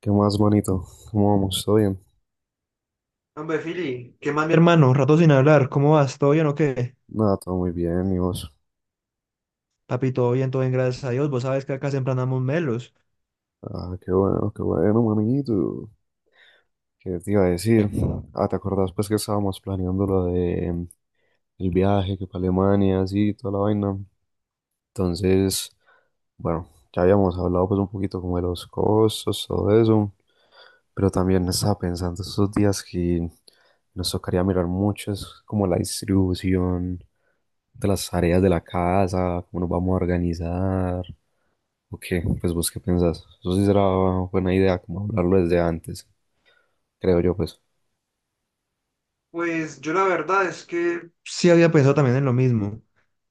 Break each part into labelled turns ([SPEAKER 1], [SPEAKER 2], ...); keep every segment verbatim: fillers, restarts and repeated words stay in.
[SPEAKER 1] ¿Qué más, manito? ¿Cómo vamos? ¿Todo bien?
[SPEAKER 2] Hombre, Fili, ¿qué más, mi hermano? Rato sin hablar, ¿cómo vas? ¿Todo bien o qué?
[SPEAKER 1] Nada, todo muy bien, ¿y vos?
[SPEAKER 2] Papi, todo bien, todo bien, gracias a Dios. Vos sabes que acá siempre andamos melos.
[SPEAKER 1] Ah, qué bueno, qué bueno, manito. ¿Qué te iba a decir? Ah, ¿te acordás pues que estábamos planeando lo de mm, el viaje, que para Alemania, así, toda la vaina? Entonces, bueno, ya habíamos hablado pues un poquito como de los costos, todo eso, pero también estaba pensando estos días que nos tocaría mirar mucho, es como la distribución de las tareas de la casa, cómo nos vamos a organizar. ¿O qué? Pues vos qué pensás. Eso sí será buena idea, como hablarlo desde antes, creo yo, pues.
[SPEAKER 2] Pues yo la verdad es que sí había pensado también en lo mismo,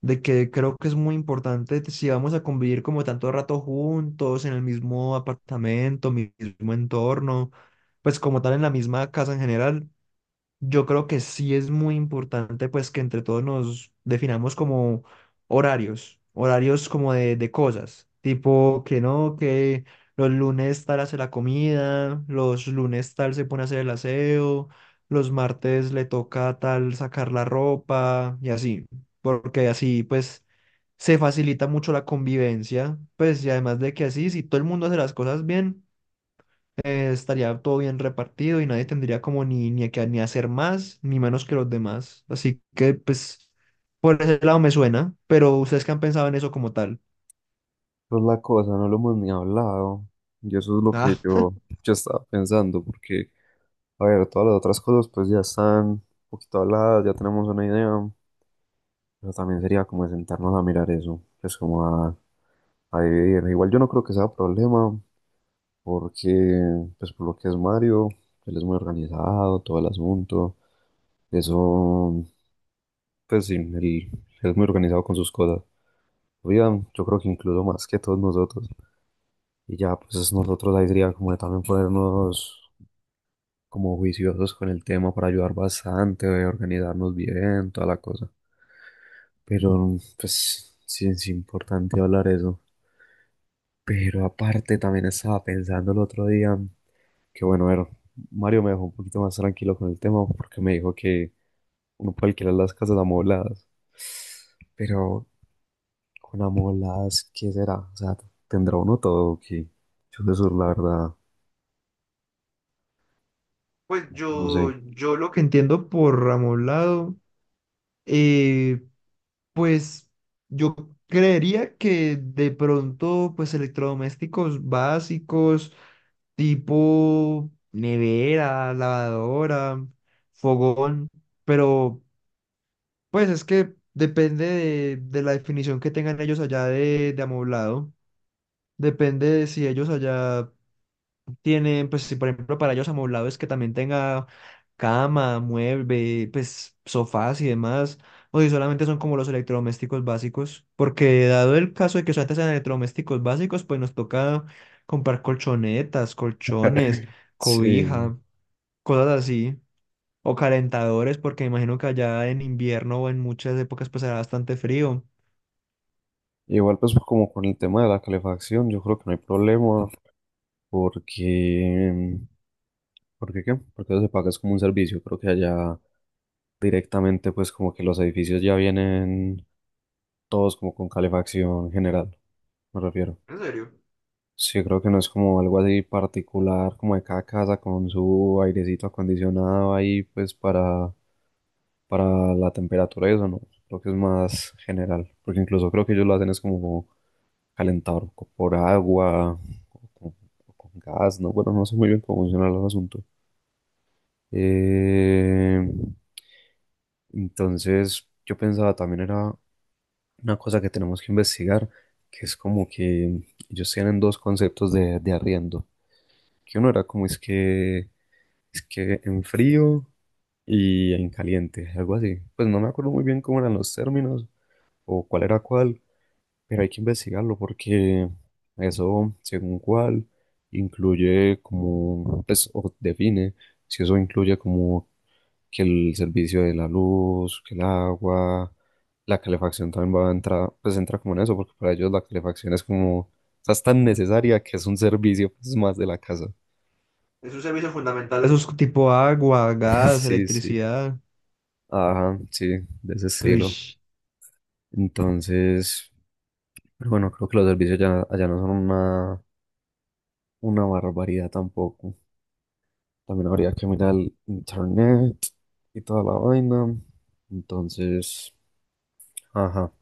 [SPEAKER 2] de que creo que es muy importante t- si vamos a convivir como tanto rato juntos, en el mismo apartamento, mi- mismo entorno, pues como tal en la misma casa en general. Yo creo que sí es muy importante pues que entre todos nos definamos como horarios, horarios como de, de cosas, tipo que no, que los lunes tal hace la comida, los lunes tal se pone a hacer el aseo, los martes le toca a tal sacar la ropa y así, porque así pues se facilita mucho la convivencia, pues y además de que así si todo el mundo hace las cosas bien eh, estaría todo bien repartido y nadie tendría como ni, ni que ni hacer más ni menos que los demás. Así que pues por ese lado me suena, pero ustedes qué han pensado en eso como tal.
[SPEAKER 1] Pues la cosa, no lo hemos ni hablado. Y eso es lo que
[SPEAKER 2] Ah,
[SPEAKER 1] yo, yo estaba pensando, porque, a ver, todas las otras cosas pues ya están un poquito habladas, ya tenemos una idea, pero también sería como de sentarnos a mirar eso, pues como a, a dividir. Igual yo no creo que sea problema, porque, pues por lo que es Mario, él es muy organizado, todo el asunto, eso, pues sí, él él es muy organizado con sus cosas. Oigan, yo creo que incluso más que todos nosotros. Y ya, pues nosotros ahí sería como de también ponernos como juiciosos con el tema para ayudar bastante, eh, organizarnos bien, toda la cosa. Pero, pues, sí es importante hablar eso. Pero aparte, también estaba pensando el otro día que, bueno, a ver, Mario me dejó un poquito más tranquilo con el tema porque me dijo que uno puede alquilar las casas amobladas. Pero con amolas, ¿qué será? O sea, ¿tendrá uno todo o qué? Yo de sur, la verdad,
[SPEAKER 2] pues
[SPEAKER 1] no
[SPEAKER 2] yo,
[SPEAKER 1] sé.
[SPEAKER 2] yo lo que entiendo por Ramolado, eh, pues yo creería que de pronto pues electrodomésticos básicos tipo nevera, lavadora, fogón, pero pues es que depende de, de la definición que tengan ellos allá de, de amoblado. Depende de si ellos allá tienen, pues si por ejemplo para ellos amoblado es que también tenga cama, mueble, pues sofás y demás, o si solamente son como los electrodomésticos básicos. Porque dado el caso de que solamente sean electrodomésticos básicos, pues nos toca comprar colchonetas, colchones,
[SPEAKER 1] Sí,
[SPEAKER 2] cobija, cosas así. O calentadores, porque me imagino que allá en invierno o en muchas épocas pasará bastante frío.
[SPEAKER 1] igual pues como con el tema de la calefacción, yo creo que no hay problema porque, ¿porque qué? Porque eso se paga es como un servicio, creo que allá directamente pues como que los edificios ya vienen todos como con calefacción general, me refiero.
[SPEAKER 2] En serio,
[SPEAKER 1] Sí, creo que no es como algo así particular, como de cada casa con su airecito acondicionado ahí, pues para, para la temperatura y eso, no. Creo que es más general, porque incluso creo que ellos lo hacen es como calentador co- por agua o con, o con gas, ¿no? Bueno, no sé muy bien cómo funciona el asunto. Eh, entonces, yo pensaba también era una cosa que tenemos que investigar, que es como que ellos tienen dos conceptos de, de arriendo. Que uno era como es que, es que en frío y en caliente, algo así. Pues no me acuerdo muy bien cómo eran los términos o cuál era cuál, pero hay que investigarlo porque eso, según cuál, incluye como, pues, o define si eso incluye como que el servicio de la luz, que el agua, la calefacción también va a entrar, pues entra como en eso, porque para ellos la calefacción es como, o sea, es tan necesaria que es un servicio, pues, más de la casa.
[SPEAKER 2] es un servicio fundamental. Esos tipo agua, gas,
[SPEAKER 1] Sí, sí.
[SPEAKER 2] electricidad.
[SPEAKER 1] Ajá, sí, de ese estilo.
[SPEAKER 2] Ush.
[SPEAKER 1] Entonces, pero bueno, creo que los servicios ya, allá no son una, una barbaridad tampoco. También habría que mirar el internet y toda la vaina. Entonces, ajá.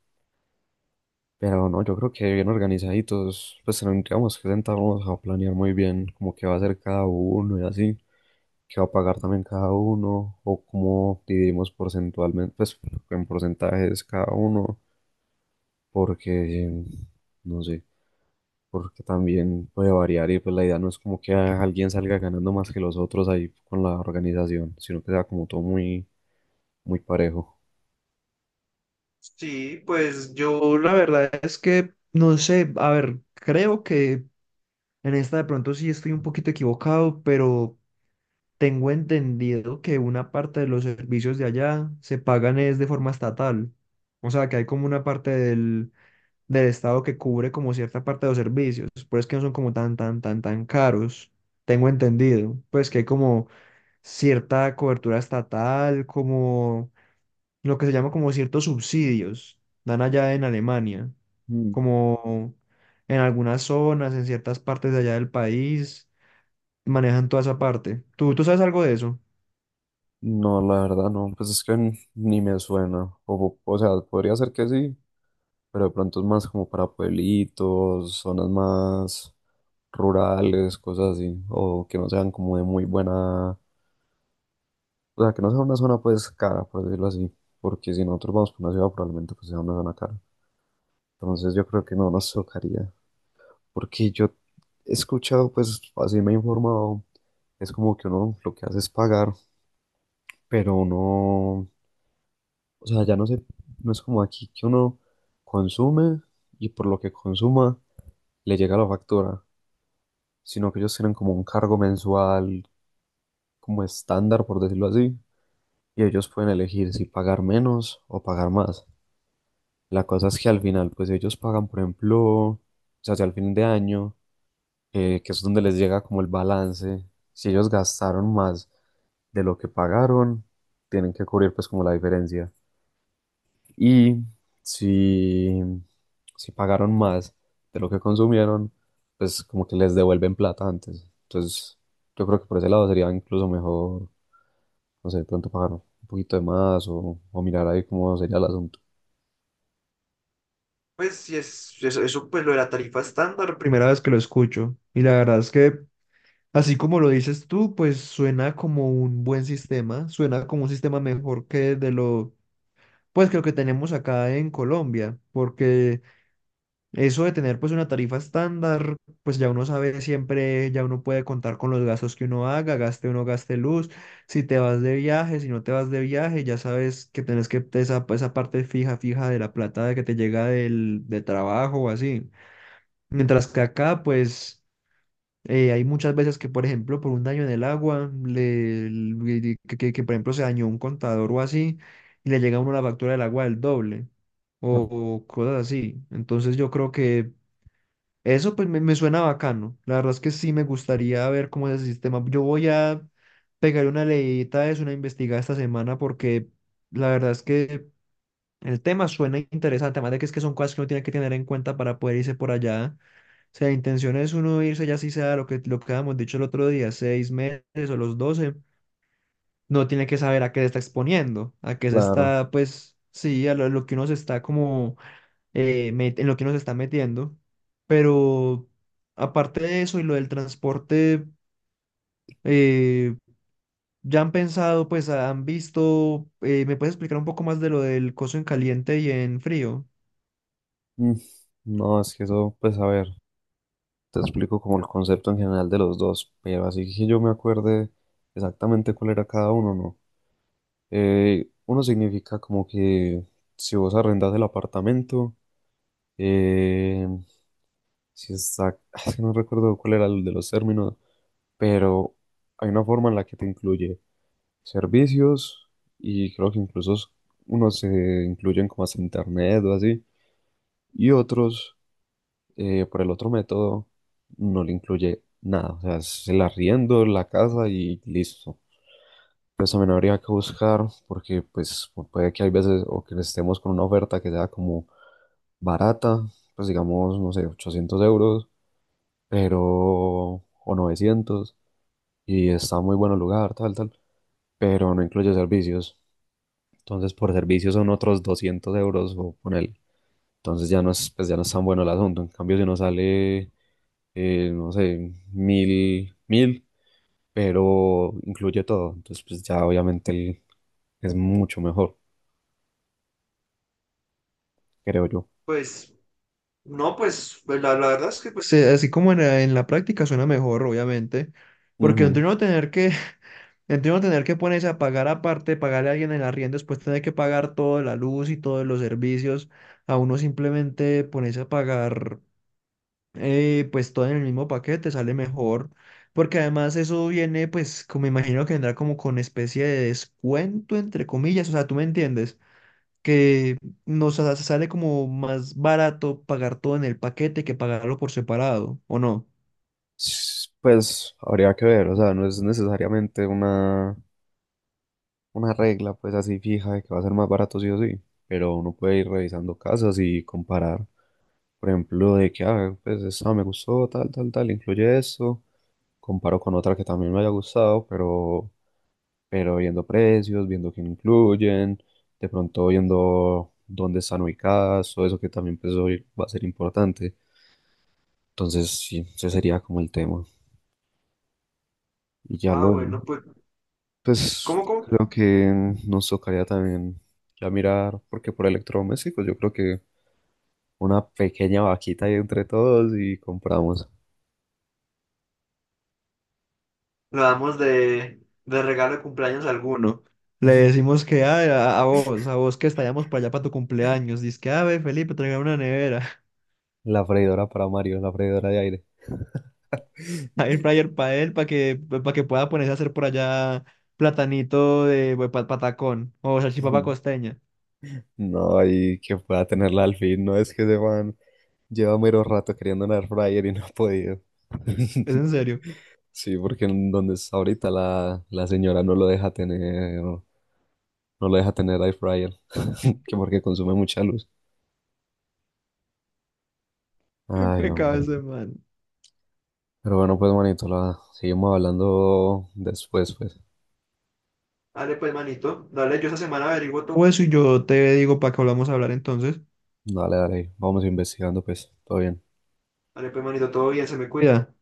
[SPEAKER 1] Pero no, yo creo que bien organizaditos, pues tendríamos que sentarnos a planear muy bien como qué va a hacer cada uno y así, qué va a pagar también cada uno, o cómo dividimos porcentualmente, pues en porcentajes cada uno, porque no sé. Porque también puede variar y pues la idea no es como que a- alguien salga ganando más que los otros ahí con la organización, sino que sea como todo muy, muy parejo.
[SPEAKER 2] Sí, pues yo, la verdad es que no sé, a ver, creo que en esta de pronto sí estoy un poquito equivocado, pero tengo entendido que una parte de los servicios de allá se pagan es de forma estatal. O sea, que hay como una parte del del Estado que cubre como cierta parte de los servicios, por eso es que no son como tan, tan, tan, tan caros, tengo entendido, pues que hay como cierta cobertura estatal, como lo que se llama como ciertos subsidios, dan allá en Alemania,
[SPEAKER 1] Mm.
[SPEAKER 2] como en algunas zonas, en ciertas partes de allá del país, manejan toda esa parte. ¿Tú, tú sabes algo de eso?
[SPEAKER 1] No, la verdad no, pues es que n- ni me suena, o, o sea, podría ser que sí, pero de pronto es más como para pueblitos, zonas más rurales, cosas así, o que no sean como de muy buena, o sea, que no sea una zona pues cara, por decirlo así, porque si nosotros vamos por una ciudad probablemente pues sea una zona cara, entonces yo creo que no nos tocaría. Porque yo he escuchado, pues así me he informado, es como que uno lo que hace es pagar, pero uno, o sea, ya no sé, no es como aquí que uno consume y por lo que consuma le llega la factura, sino que ellos tienen como un cargo mensual, como estándar, por decirlo así, y ellos pueden elegir si pagar menos o pagar más. La cosa es que al final, pues ellos pagan, por ejemplo, o sea, si al fin de año eh, que es donde les llega como el balance. Si ellos gastaron más de lo que pagaron, tienen que cubrir pues como la diferencia. Y si, si pagaron más de lo que consumieron, pues como que les devuelven plata antes. Entonces yo creo que por ese lado sería incluso mejor, no sé, de pronto pagar un poquito de más o, o mirar ahí cómo sería el asunto.
[SPEAKER 2] Pues sí, es, eso, eso, pues lo de la tarifa estándar, primera vez que lo escucho y la verdad es que así como lo dices tú, pues suena como un buen sistema, suena como un sistema mejor que de lo, pues que lo que tenemos acá en Colombia, porque eso de tener pues una tarifa estándar, pues ya uno sabe siempre, ya uno puede contar con los gastos que uno haga, gaste o no gaste luz, si te vas de viaje, si no te vas de viaje, ya sabes que tenés que esa, esa parte fija, fija de la plata que te llega del, de trabajo o así. Mientras que acá, pues... eh, hay muchas veces que, por ejemplo, por un daño en el agua, le, le- que, que- que, por ejemplo se dañó un contador o así, y le llega a uno la factura del agua del doble, o, o cosas así. Entonces yo creo que eso pues me, me suena bacano. La verdad es que sí me gustaría ver cómo es el sistema. Yo voy a pegar una leidita, es una investigada esta semana, porque la verdad es que el tema suena interesante, además de que es que son cosas que uno tiene que tener en cuenta para poder irse por allá, o sea, intención es uno irse ya si sea lo que, lo que habíamos dicho el otro día, seis meses o los doce, no tiene que saber a qué se está exponiendo, a qué se
[SPEAKER 1] Claro.
[SPEAKER 2] está, pues, sí, a lo, lo que uno se está como, eh, met- en lo que uno se está metiendo. Pero aparte de eso y lo del transporte, eh, ya han pensado, pues, han visto, eh, ¿me puedes explicar un poco más de lo del coso en caliente y en frío?
[SPEAKER 1] Mm, no, es que eso, pues a ver. Te explico como el concepto en general de los dos, pero así que yo me acuerde exactamente cuál era cada uno, ¿no? Eh, uno significa como que si vos arrendas el apartamento, eh, si está, es que no recuerdo cuál era el de los términos, pero hay una forma en la que te incluye servicios y creo que incluso unos se incluyen como hasta internet o así, y otros eh, por el otro método no le incluye nada, o sea, es el arriendo, la casa y listo. Pues también habría que buscar, porque pues pu- puede que hay veces o que estemos con una oferta que sea como barata, pues digamos, no sé, ochocientos euros, pero, o novecientos, y está muy bueno el lugar, tal, tal, pero no incluye servicios. Entonces por servicios son otros doscientos euros o poner. Entonces ya no es, pues ya no es tan bueno el asunto. En cambio, si uno sale eh, no sé, mil, mil, pero incluye todo. Entonces, pues ya obviamente el- es mucho mejor, creo yo.
[SPEAKER 2] Pues no, pues pues, la, la verdad es que pues se- así como en, la en la práctica suena mejor, obviamente, porque entre
[SPEAKER 1] Ujú.
[SPEAKER 2] uno tener que, entre uno tener que ponerse a pagar aparte, pagarle a alguien el arriendo, después tener que pagar toda la luz y todos los servicios, a uno simplemente ponerse a pagar eh, pues todo en el mismo paquete sale mejor, porque además eso viene pues como me imagino que vendrá como con especie de descuento entre comillas, o sea, tú me entiendes que nos sa- sale como más barato pagar todo en el paquete que pagarlo por separado, ¿o no?
[SPEAKER 1] S- Pues habría que ver, o sea, no es necesariamente una, una regla pues así fija de que va a ser más barato sí o sí, pero uno puede ir revisando casas y comparar, por ejemplo, de que, ah, pues esta me gustó, tal, tal, tal, incluye esto, comparo con otra que también me haya gustado, pero pero viendo precios, viendo qué incluyen, de pronto viendo dónde están ubicadas, todo eso que también pues, hoy va a ser importante. Entonces, sí, ese sería como el tema. Y ya
[SPEAKER 2] Ah,
[SPEAKER 1] lo,
[SPEAKER 2] bueno, pues,
[SPEAKER 1] pues
[SPEAKER 2] ¿cómo, cómo?
[SPEAKER 1] creo que nos tocaría también ya mirar, porque por electrodomésticos yo creo que una pequeña vaquita ahí entre todos y compramos
[SPEAKER 2] Lo damos de, de regalo de cumpleaños a alguno. Le decimos que "Ay, a, a vos, a vos que estallamos para allá para tu cumpleaños. Dice que, a ver, Felipe, traiga una nevera,
[SPEAKER 1] la freidora para Mario, la freidora de aire.
[SPEAKER 2] air fryer para él, para que, para que pueda ponerse a hacer por allá platanito de patacón o salchipapa costeña.
[SPEAKER 1] No, y que pueda tenerla al fin, no es que se van. Lleva mero rato queriendo un air fryer y no ha podido.
[SPEAKER 2] Es en serio.
[SPEAKER 1] Sí, porque en donde está ahorita la, la señora no lo deja tener, no lo deja tener air fryer, que porque consume mucha luz.
[SPEAKER 2] Qué
[SPEAKER 1] Ay,
[SPEAKER 2] pecado
[SPEAKER 1] hombre.
[SPEAKER 2] ese man.
[SPEAKER 1] Pero bueno, pues manito, la seguimos hablando después, pues.
[SPEAKER 2] Dale pues, manito. Dale, yo esa semana averiguo todo eso y yo te digo para que volvamos a hablar entonces.
[SPEAKER 1] Dale, dale, vamos investigando, pues. Todo bien.
[SPEAKER 2] Dale pues, manito, todo bien, se me cuida.